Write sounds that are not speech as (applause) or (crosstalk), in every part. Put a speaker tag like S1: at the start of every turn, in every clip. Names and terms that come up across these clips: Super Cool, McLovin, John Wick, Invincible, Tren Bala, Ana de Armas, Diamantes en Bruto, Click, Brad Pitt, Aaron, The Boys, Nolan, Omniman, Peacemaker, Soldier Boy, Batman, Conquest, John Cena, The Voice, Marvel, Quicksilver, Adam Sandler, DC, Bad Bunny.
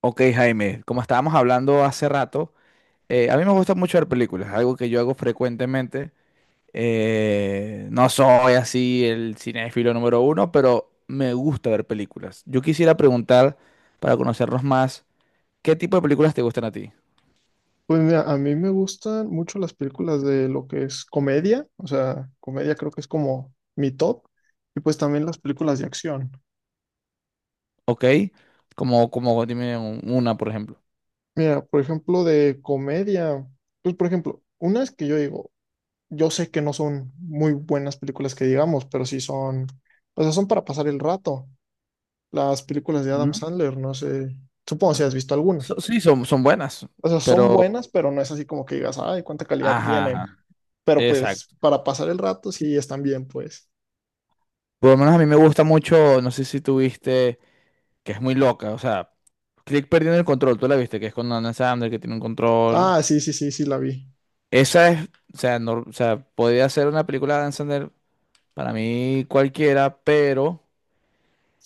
S1: Ok, Jaime, como estábamos hablando hace rato, a mí me gusta mucho ver películas, algo que yo hago frecuentemente. No soy así el cinéfilo número uno, pero me gusta ver películas. Yo quisiera preguntar, para conocernos más, ¿qué tipo de películas te gustan a ti?
S2: Pues mira, a mí me gustan mucho las películas de lo que es comedia, o sea, comedia creo que es como mi top, y pues también las películas de acción.
S1: ¿Ok? Como dime una, por ejemplo.
S2: Mira, por ejemplo, de comedia, pues por ejemplo, unas que yo digo, yo sé que no son muy buenas películas que digamos, pero sí son, o sea, son para pasar el rato. Las películas de Adam
S1: ¿Mm?
S2: Sandler, no sé, supongo si has visto algunas.
S1: Sí, son buenas,
S2: O sea, son
S1: pero...
S2: buenas, pero no es así como que digas, ay, cuánta calidad
S1: Ajá,
S2: tienen.
S1: ajá,
S2: Pero pues
S1: exacto.
S2: para pasar el rato sí están bien, pues.
S1: Por lo menos a mí me gusta mucho, no sé si tuviste que es muy loca. O sea, Click perdiendo el control, tú la viste, que es con Adam Sandler, que tiene un control.
S2: Ah, sí, sí, sí, sí, la vi.
S1: Esa es, o sea, no, o sea, podría ser una película de Adam Sandler para mí cualquiera, pero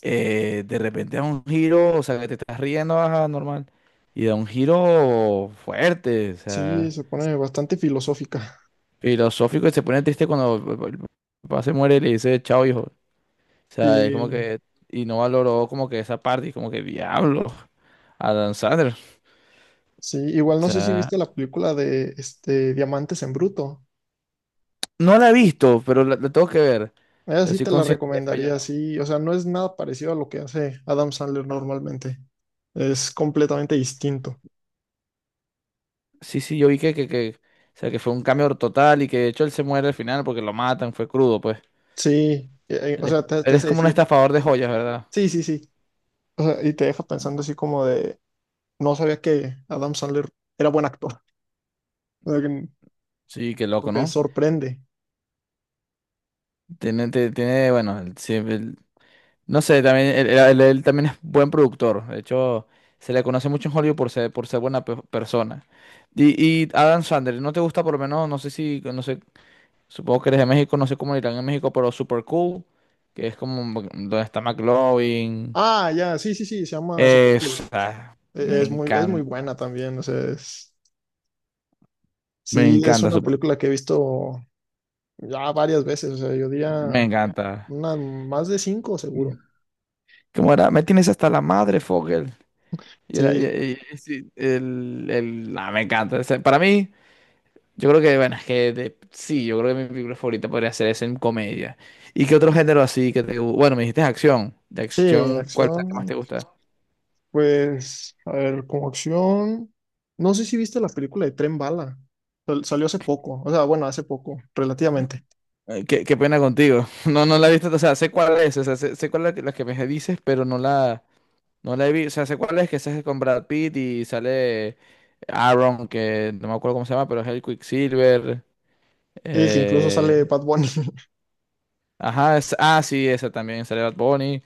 S1: de repente da un giro, o sea, que te estás riendo, ajá, normal, y da un giro fuerte, o
S2: Sí,
S1: sea,
S2: se pone bastante filosófica.
S1: filosófico, y se pone triste cuando el papá se muere y le dice, chao, hijo. O sea, es como
S2: Sí,
S1: que, y no valoró como que esa parte, y como que, diablo, Adam Sandler,
S2: sí,
S1: o
S2: igual no sé si
S1: sea.
S2: viste la película de este, Diamantes en Bruto.
S1: No la he visto, pero la tengo que ver. O
S2: Esa
S1: sea,
S2: sí
S1: soy
S2: te la
S1: consciente que he
S2: recomendaría,
S1: fallado.
S2: sí. O sea, no es nada parecido a lo que hace Adam Sandler normalmente. Es completamente distinto.
S1: Sí, sí, yo vi que, o sea, que fue un cambio total y que de hecho él se muere al final porque lo matan, fue crudo, pues.
S2: Sí,
S1: Él
S2: o
S1: es,
S2: sea, te,
S1: él
S2: te
S1: es
S2: hace
S1: como un
S2: decir,
S1: estafador de joyas, ¿verdad?
S2: sí, sí, sí. O sea, y te deja pensando así como de, no sabía que Adam Sandler era buen actor. (laughs) O sea,
S1: Sí, qué loco,
S2: porque
S1: ¿no?
S2: sorprende.
S1: Tiene, tiene, bueno, él. No sé, también, él también es buen productor. De hecho, se le conoce mucho en Hollywood por ser buena persona. Y Adam Sandler, ¿no te gusta por lo menos? No sé si, no sé, supongo que eres de México, no sé cómo le irán en México, pero Super Cool, que es como donde está McLovin.
S2: Ah, ya, sí, sí, sí, se llama Super Cool.
S1: Esa,
S2: E- Es muy, es muy buena también, o sea,
S1: me
S2: sí, es
S1: encanta
S2: una
S1: Super
S2: película que he visto ya varias veces, o sea, yo
S1: Cool, me
S2: diría
S1: encanta.
S2: una, más de cinco seguro.
S1: ¿Cómo era? Me tienes hasta la madre, Fogel. Y era, y-
S2: Sí,
S1: y sí, el, el, me encanta. O sea, para mí, yo creo que, bueno, es que sí, yo creo que mi película favorita podría ser esa en comedia. ¿Y qué otro género así que Bueno, me dijiste acción. ¿De
S2: sí,
S1: acción cuál es la que más
S2: acción,
S1: te gusta?
S2: pues, a ver, como acción, no sé si viste la película de Tren Bala, salió hace poco, o sea, bueno, hace poco, relativamente,
S1: Ay, qué, qué pena contigo. (laughs) No, no la he visto, o sea, sé cuál es, o sea, sé, sé cuál es la que me dices, pero no la, no la he visto. O sea, sé cuál es, que esa es con Brad Pitt y sale Aaron, que no me acuerdo cómo se llama, pero es el Quicksilver.
S2: y que incluso sale
S1: eh,
S2: Bad Bunny. (laughs)
S1: ajá, ah, sí, esa también sale Bad Bunny.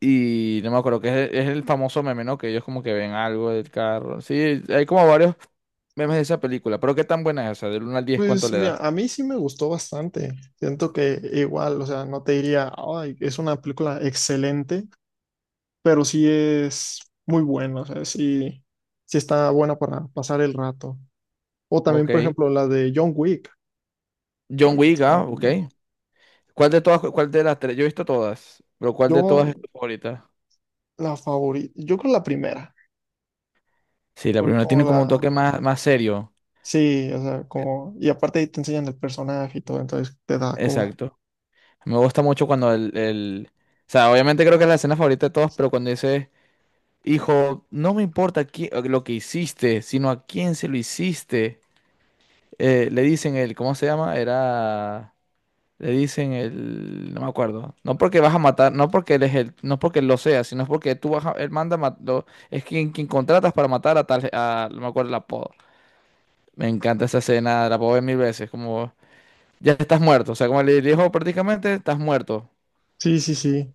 S1: Y no me acuerdo, que es el famoso meme, ¿no? Que ellos como que ven algo del carro. Sí, hay como varios memes de esa película, pero qué tan buena es esa, del uno al 10 ¿cuánto
S2: Pues
S1: le
S2: mira,
S1: da?
S2: a mí sí me gustó bastante. Siento que igual, o sea, no te diría, ay, es una película excelente, pero sí es muy buena, o sea, sí, sí está buena para pasar el rato. O también, por
S1: Ok.
S2: ejemplo, la de John Wick,
S1: John
S2: también
S1: Wick, ah, ok.
S2: son,
S1: ¿Cuál de todas, cuál de las tres? Yo he visto todas, pero ¿cuál de todas
S2: yo
S1: es tu favorita?
S2: la favorita, yo creo la primera,
S1: Sí, la
S2: fue
S1: primera
S2: como
S1: tiene como un
S2: la,
S1: toque más, más serio.
S2: sí, o sea, como, y aparte ahí te enseñan el personaje y todo, entonces te da como,
S1: Exacto. Me gusta mucho cuando el... O sea, obviamente creo que es la escena favorita de todos, pero cuando dice, hijo, no me importa lo que hiciste, sino a quién se lo hiciste. Le dicen el, ¿cómo se llama? Era... Le dicen el... No me acuerdo. No porque vas a matar, no porque él es el, no porque él lo sea, sino porque tú vas a... Él manda, es quien, quien contratas para matar a tal... A, no me acuerdo el apodo. Me encanta esa escena, la puedo ver mil veces, como ya estás muerto, o sea, como le dijo prácticamente, estás muerto.
S2: sí, sí, sí,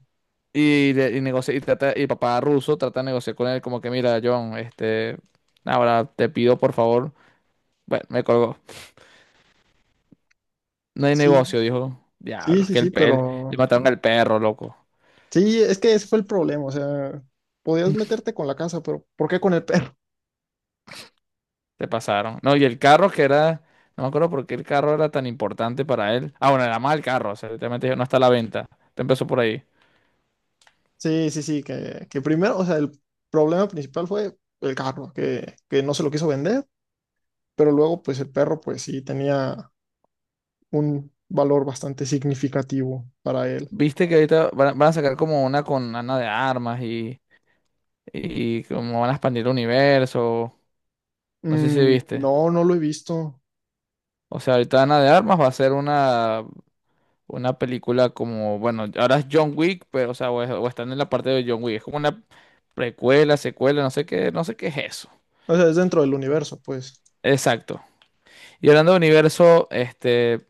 S1: Y, papá ruso trata de negociar con él como que, mira, John, este, ahora te pido por favor, bueno, me colgó. No hay
S2: sí,
S1: negocio, dijo.
S2: sí,
S1: Diablo, es
S2: sí,
S1: que
S2: sí, pero,
S1: le mataron al perro, loco.
S2: sí, es que ese fue el problema, o sea, podías meterte con la casa, pero ¿por qué con el perro?
S1: Te pasaron. No, y el carro que era, no me acuerdo por qué el carro era tan importante para él. Ah, bueno, era mal carro, o sea, literalmente dijo, no está a la venta. Te empezó por ahí.
S2: Sí, sí, sí, que primero, o sea, el problema principal fue el carro, que no se lo quiso vender, pero luego, pues el perro, pues sí, tenía un valor bastante significativo para él.
S1: Viste que ahorita van a sacar como una con Ana de Armas y cómo van a expandir el universo. No sé si
S2: Mm,
S1: viste.
S2: no, no lo he visto.
S1: O sea, ahorita Ana de Armas va a ser una película como, bueno, ahora es John Wick, pero, o sea, o están en la parte de John Wick. Es como una precuela, secuela, no sé qué, no sé qué es eso.
S2: O sea, es dentro del universo, pues.
S1: Exacto. Y hablando de universo, este,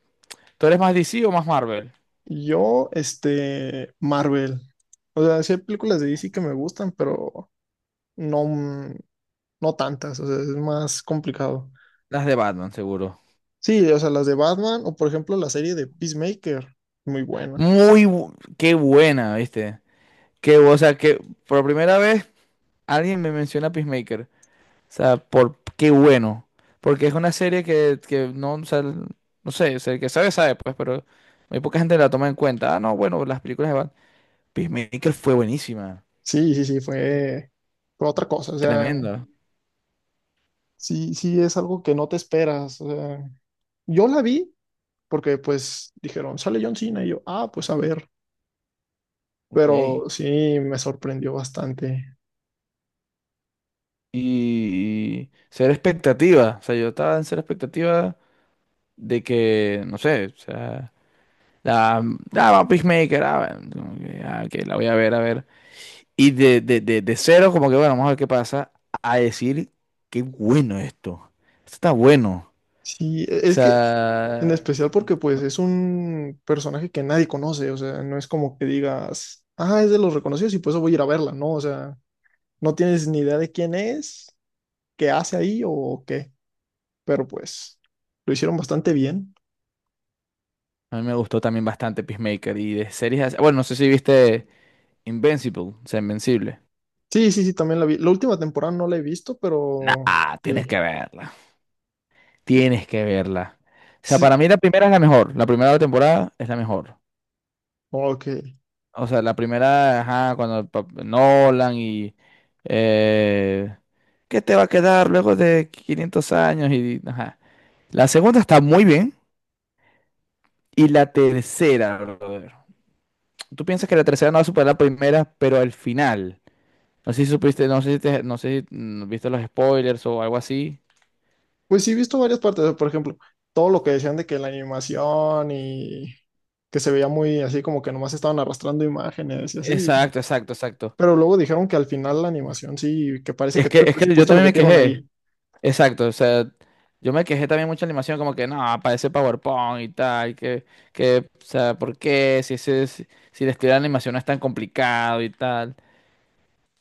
S1: ¿tú eres más DC o más Marvel?
S2: Yo, este, Marvel. O sea, sí hay películas de DC que me gustan, pero no, no tantas, o sea, es más complicado.
S1: Las de Batman, seguro.
S2: Sí, o sea, las de Batman o por ejemplo la serie de Peacemaker, muy buena.
S1: Muy, qué buena, ¿viste? Qué, o sea, que por primera vez alguien me menciona Peacemaker. O sea, por qué bueno. Porque es una serie que no, o sea, no sé, o sea, el que sabe, sabe, pues, pero muy poca gente la toma en cuenta. Ah, no, bueno, las películas de Batman. Peacemaker fue buenísima.
S2: Sí, sí, sí, fue otra cosa, o sea,
S1: Tremenda.
S2: sí, sí es algo que no te esperas, o sea, yo la vi porque pues dijeron, sale John Cena y yo, ah, pues a ver,
S1: Ok.
S2: pero sí me sorprendió bastante.
S1: Y, ser expectativa. O sea, yo estaba en ser expectativa de que, no sé, o sea, la, ah, va Peacemaker, ah, bueno, como que, ah, ok, la voy a ver, a ver. Y de cero, como que, bueno, vamos a ver qué pasa, a decir, qué bueno esto. Esto está bueno.
S2: Sí,
S1: O
S2: es que
S1: sea,
S2: en
S1: a
S2: especial porque pues es un personaje que nadie conoce, o sea, no es como que digas, ah, es de los reconocidos y por eso voy a ir a verla, no, o sea, no tienes ni idea de quién es, qué hace ahí o qué, pero pues lo hicieron bastante bien.
S1: mí me gustó también bastante Peacemaker y de series. Bueno, no sé si viste Invincible, o sea, Invencible.
S2: Sí, sí, sí, también la vi. La última temporada no la he visto, pero
S1: Nah, tienes
S2: sí.
S1: que verla. Tienes que verla. O sea,
S2: Sí,
S1: para mí la primera es la mejor. La primera temporada es la mejor.
S2: ok.
S1: O sea, la primera, ajá, cuando el Nolan y... eh, ¿qué te va a quedar luego de 500 años? Y, ajá. La segunda está muy bien. Y la tercera, brother. Tú piensas que la tercera no va a superar la primera, pero al final. No sé si supiste, no sé si no sé si viste los spoilers o algo así.
S2: Pues sí, he visto varias partes. Por ejemplo, todo lo que decían de que la animación y que se veía muy así como que nomás estaban arrastrando imágenes y así.
S1: Exacto, exacto, exacto.
S2: Pero luego dijeron que al final la animación sí, que parece que
S1: Es que,
S2: todo el
S1: es que yo
S2: presupuesto lo
S1: también me
S2: metieron
S1: quejé.
S2: ahí.
S1: Exacto, o sea, yo me quejé también mucha animación, como que no, parece PowerPoint y tal, o sea, ¿por qué? Si ese, si, Si el estilo de animación no es tan complicado y tal.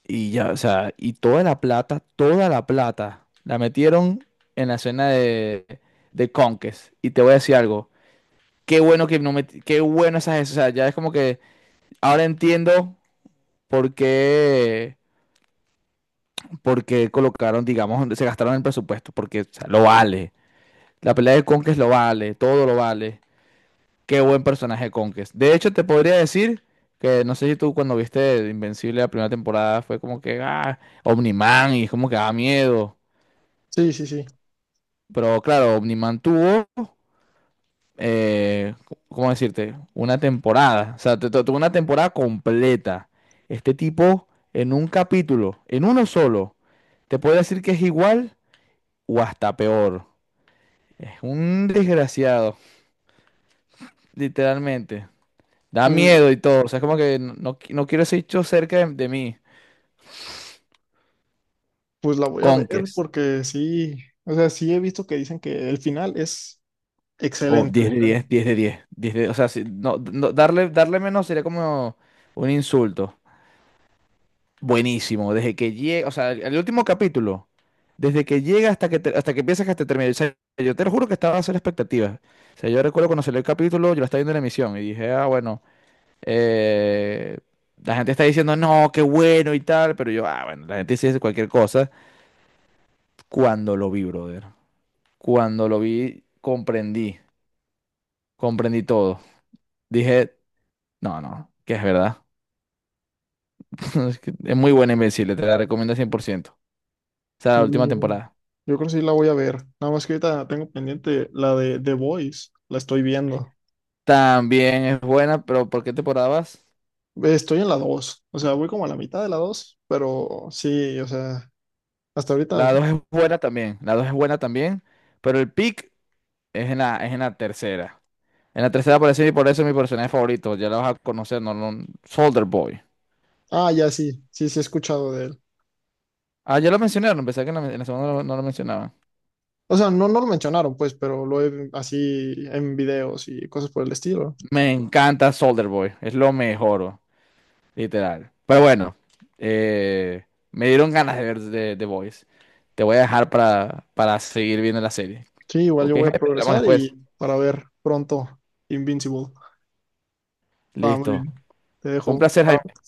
S1: Y ya, o sea, y toda la plata, la metieron en la escena de Conquest. Y te voy a decir algo. Qué bueno que no me, qué bueno esas, o sea, ya es como que ahora entiendo, porque porque colocaron, digamos, se gastaron el presupuesto, porque o sea, lo vale. La pelea de conquest lo vale, todo lo vale. Qué buen personaje conquest. De hecho, te podría decir que no sé si tú cuando viste Invencible la primera temporada fue como que, ah, Omniman y como que da miedo.
S2: Sí, sí, sí.
S1: Pero claro, Omniman tuvo, eh, ¿cómo decirte? Una temporada. O sea, tuvo una temporada completa. Este tipo, en un capítulo, en uno solo, te puedo decir que es igual o hasta peor. Es un desgraciado, literalmente. Da
S2: Pues,
S1: miedo y todo. O sea, es como que no, no quiero ese bicho cerca de mí.
S2: pues la voy a ver
S1: Conques.
S2: porque sí. O sea, sí he visto que dicen que el final es
S1: O
S2: excelente.
S1: 10 de diez, o sea, no, darle, darle menos sería como un insulto. Buenísimo. Desde que llega, o sea, el último capítulo. Desde que llega hasta que, hasta que empieza hasta que hasta termina. O sea, yo te lo juro que estaba a hacer expectativas. O sea, yo recuerdo cuando salió el capítulo, yo lo estaba viendo en la emisión y dije, ah, bueno. Eh, la gente está diciendo, no, qué bueno y tal, pero yo, ah, bueno, la gente sí dice cualquier cosa. Cuando lo vi, brother, cuando lo vi, comprendí, comprendí todo. Dije, no, no, que es verdad. (laughs) Es que es muy buena Invencible, te la recomiendo 100%. O sea, la
S2: Sí,
S1: última temporada.
S2: yo creo que sí la voy a ver. Nada más que ahorita tengo pendiente la de The Voice, la estoy viendo.
S1: También es buena, pero ¿por qué temporada vas?
S2: Estoy en la dos, o sea, voy como a la mitad de la dos, pero sí, o sea, hasta ahorita.
S1: La dos es buena también, la dos es buena también, pero el pick es en la tercera. En la tercera aparece y por eso es mi personaje favorito, ya la vas a conocer, no, no, Soldier Boy.
S2: Ah, ya sí, sí, sí he escuchado de él.
S1: Ah, ya lo mencionaron, pensé que en la segunda no, lo no lo mencionaban.
S2: O sea, no, no lo mencionaron, pues, pero lo he así en videos y cosas por el estilo.
S1: Me encanta Soldier Boy, es lo mejor, oh, literal. Pero bueno, eh, me dieron ganas de ver The Boys. Te voy a dejar para seguir viendo la serie.
S2: Sí, igual
S1: Ok,
S2: yo voy
S1: Jaime,
S2: a, sí,
S1: hablamos
S2: progresar
S1: después.
S2: y para ver pronto Invincible. Ah, muy
S1: Listo.
S2: bien. Te
S1: Fue un
S2: dejo.
S1: placer,
S2: Chao.
S1: Jaime.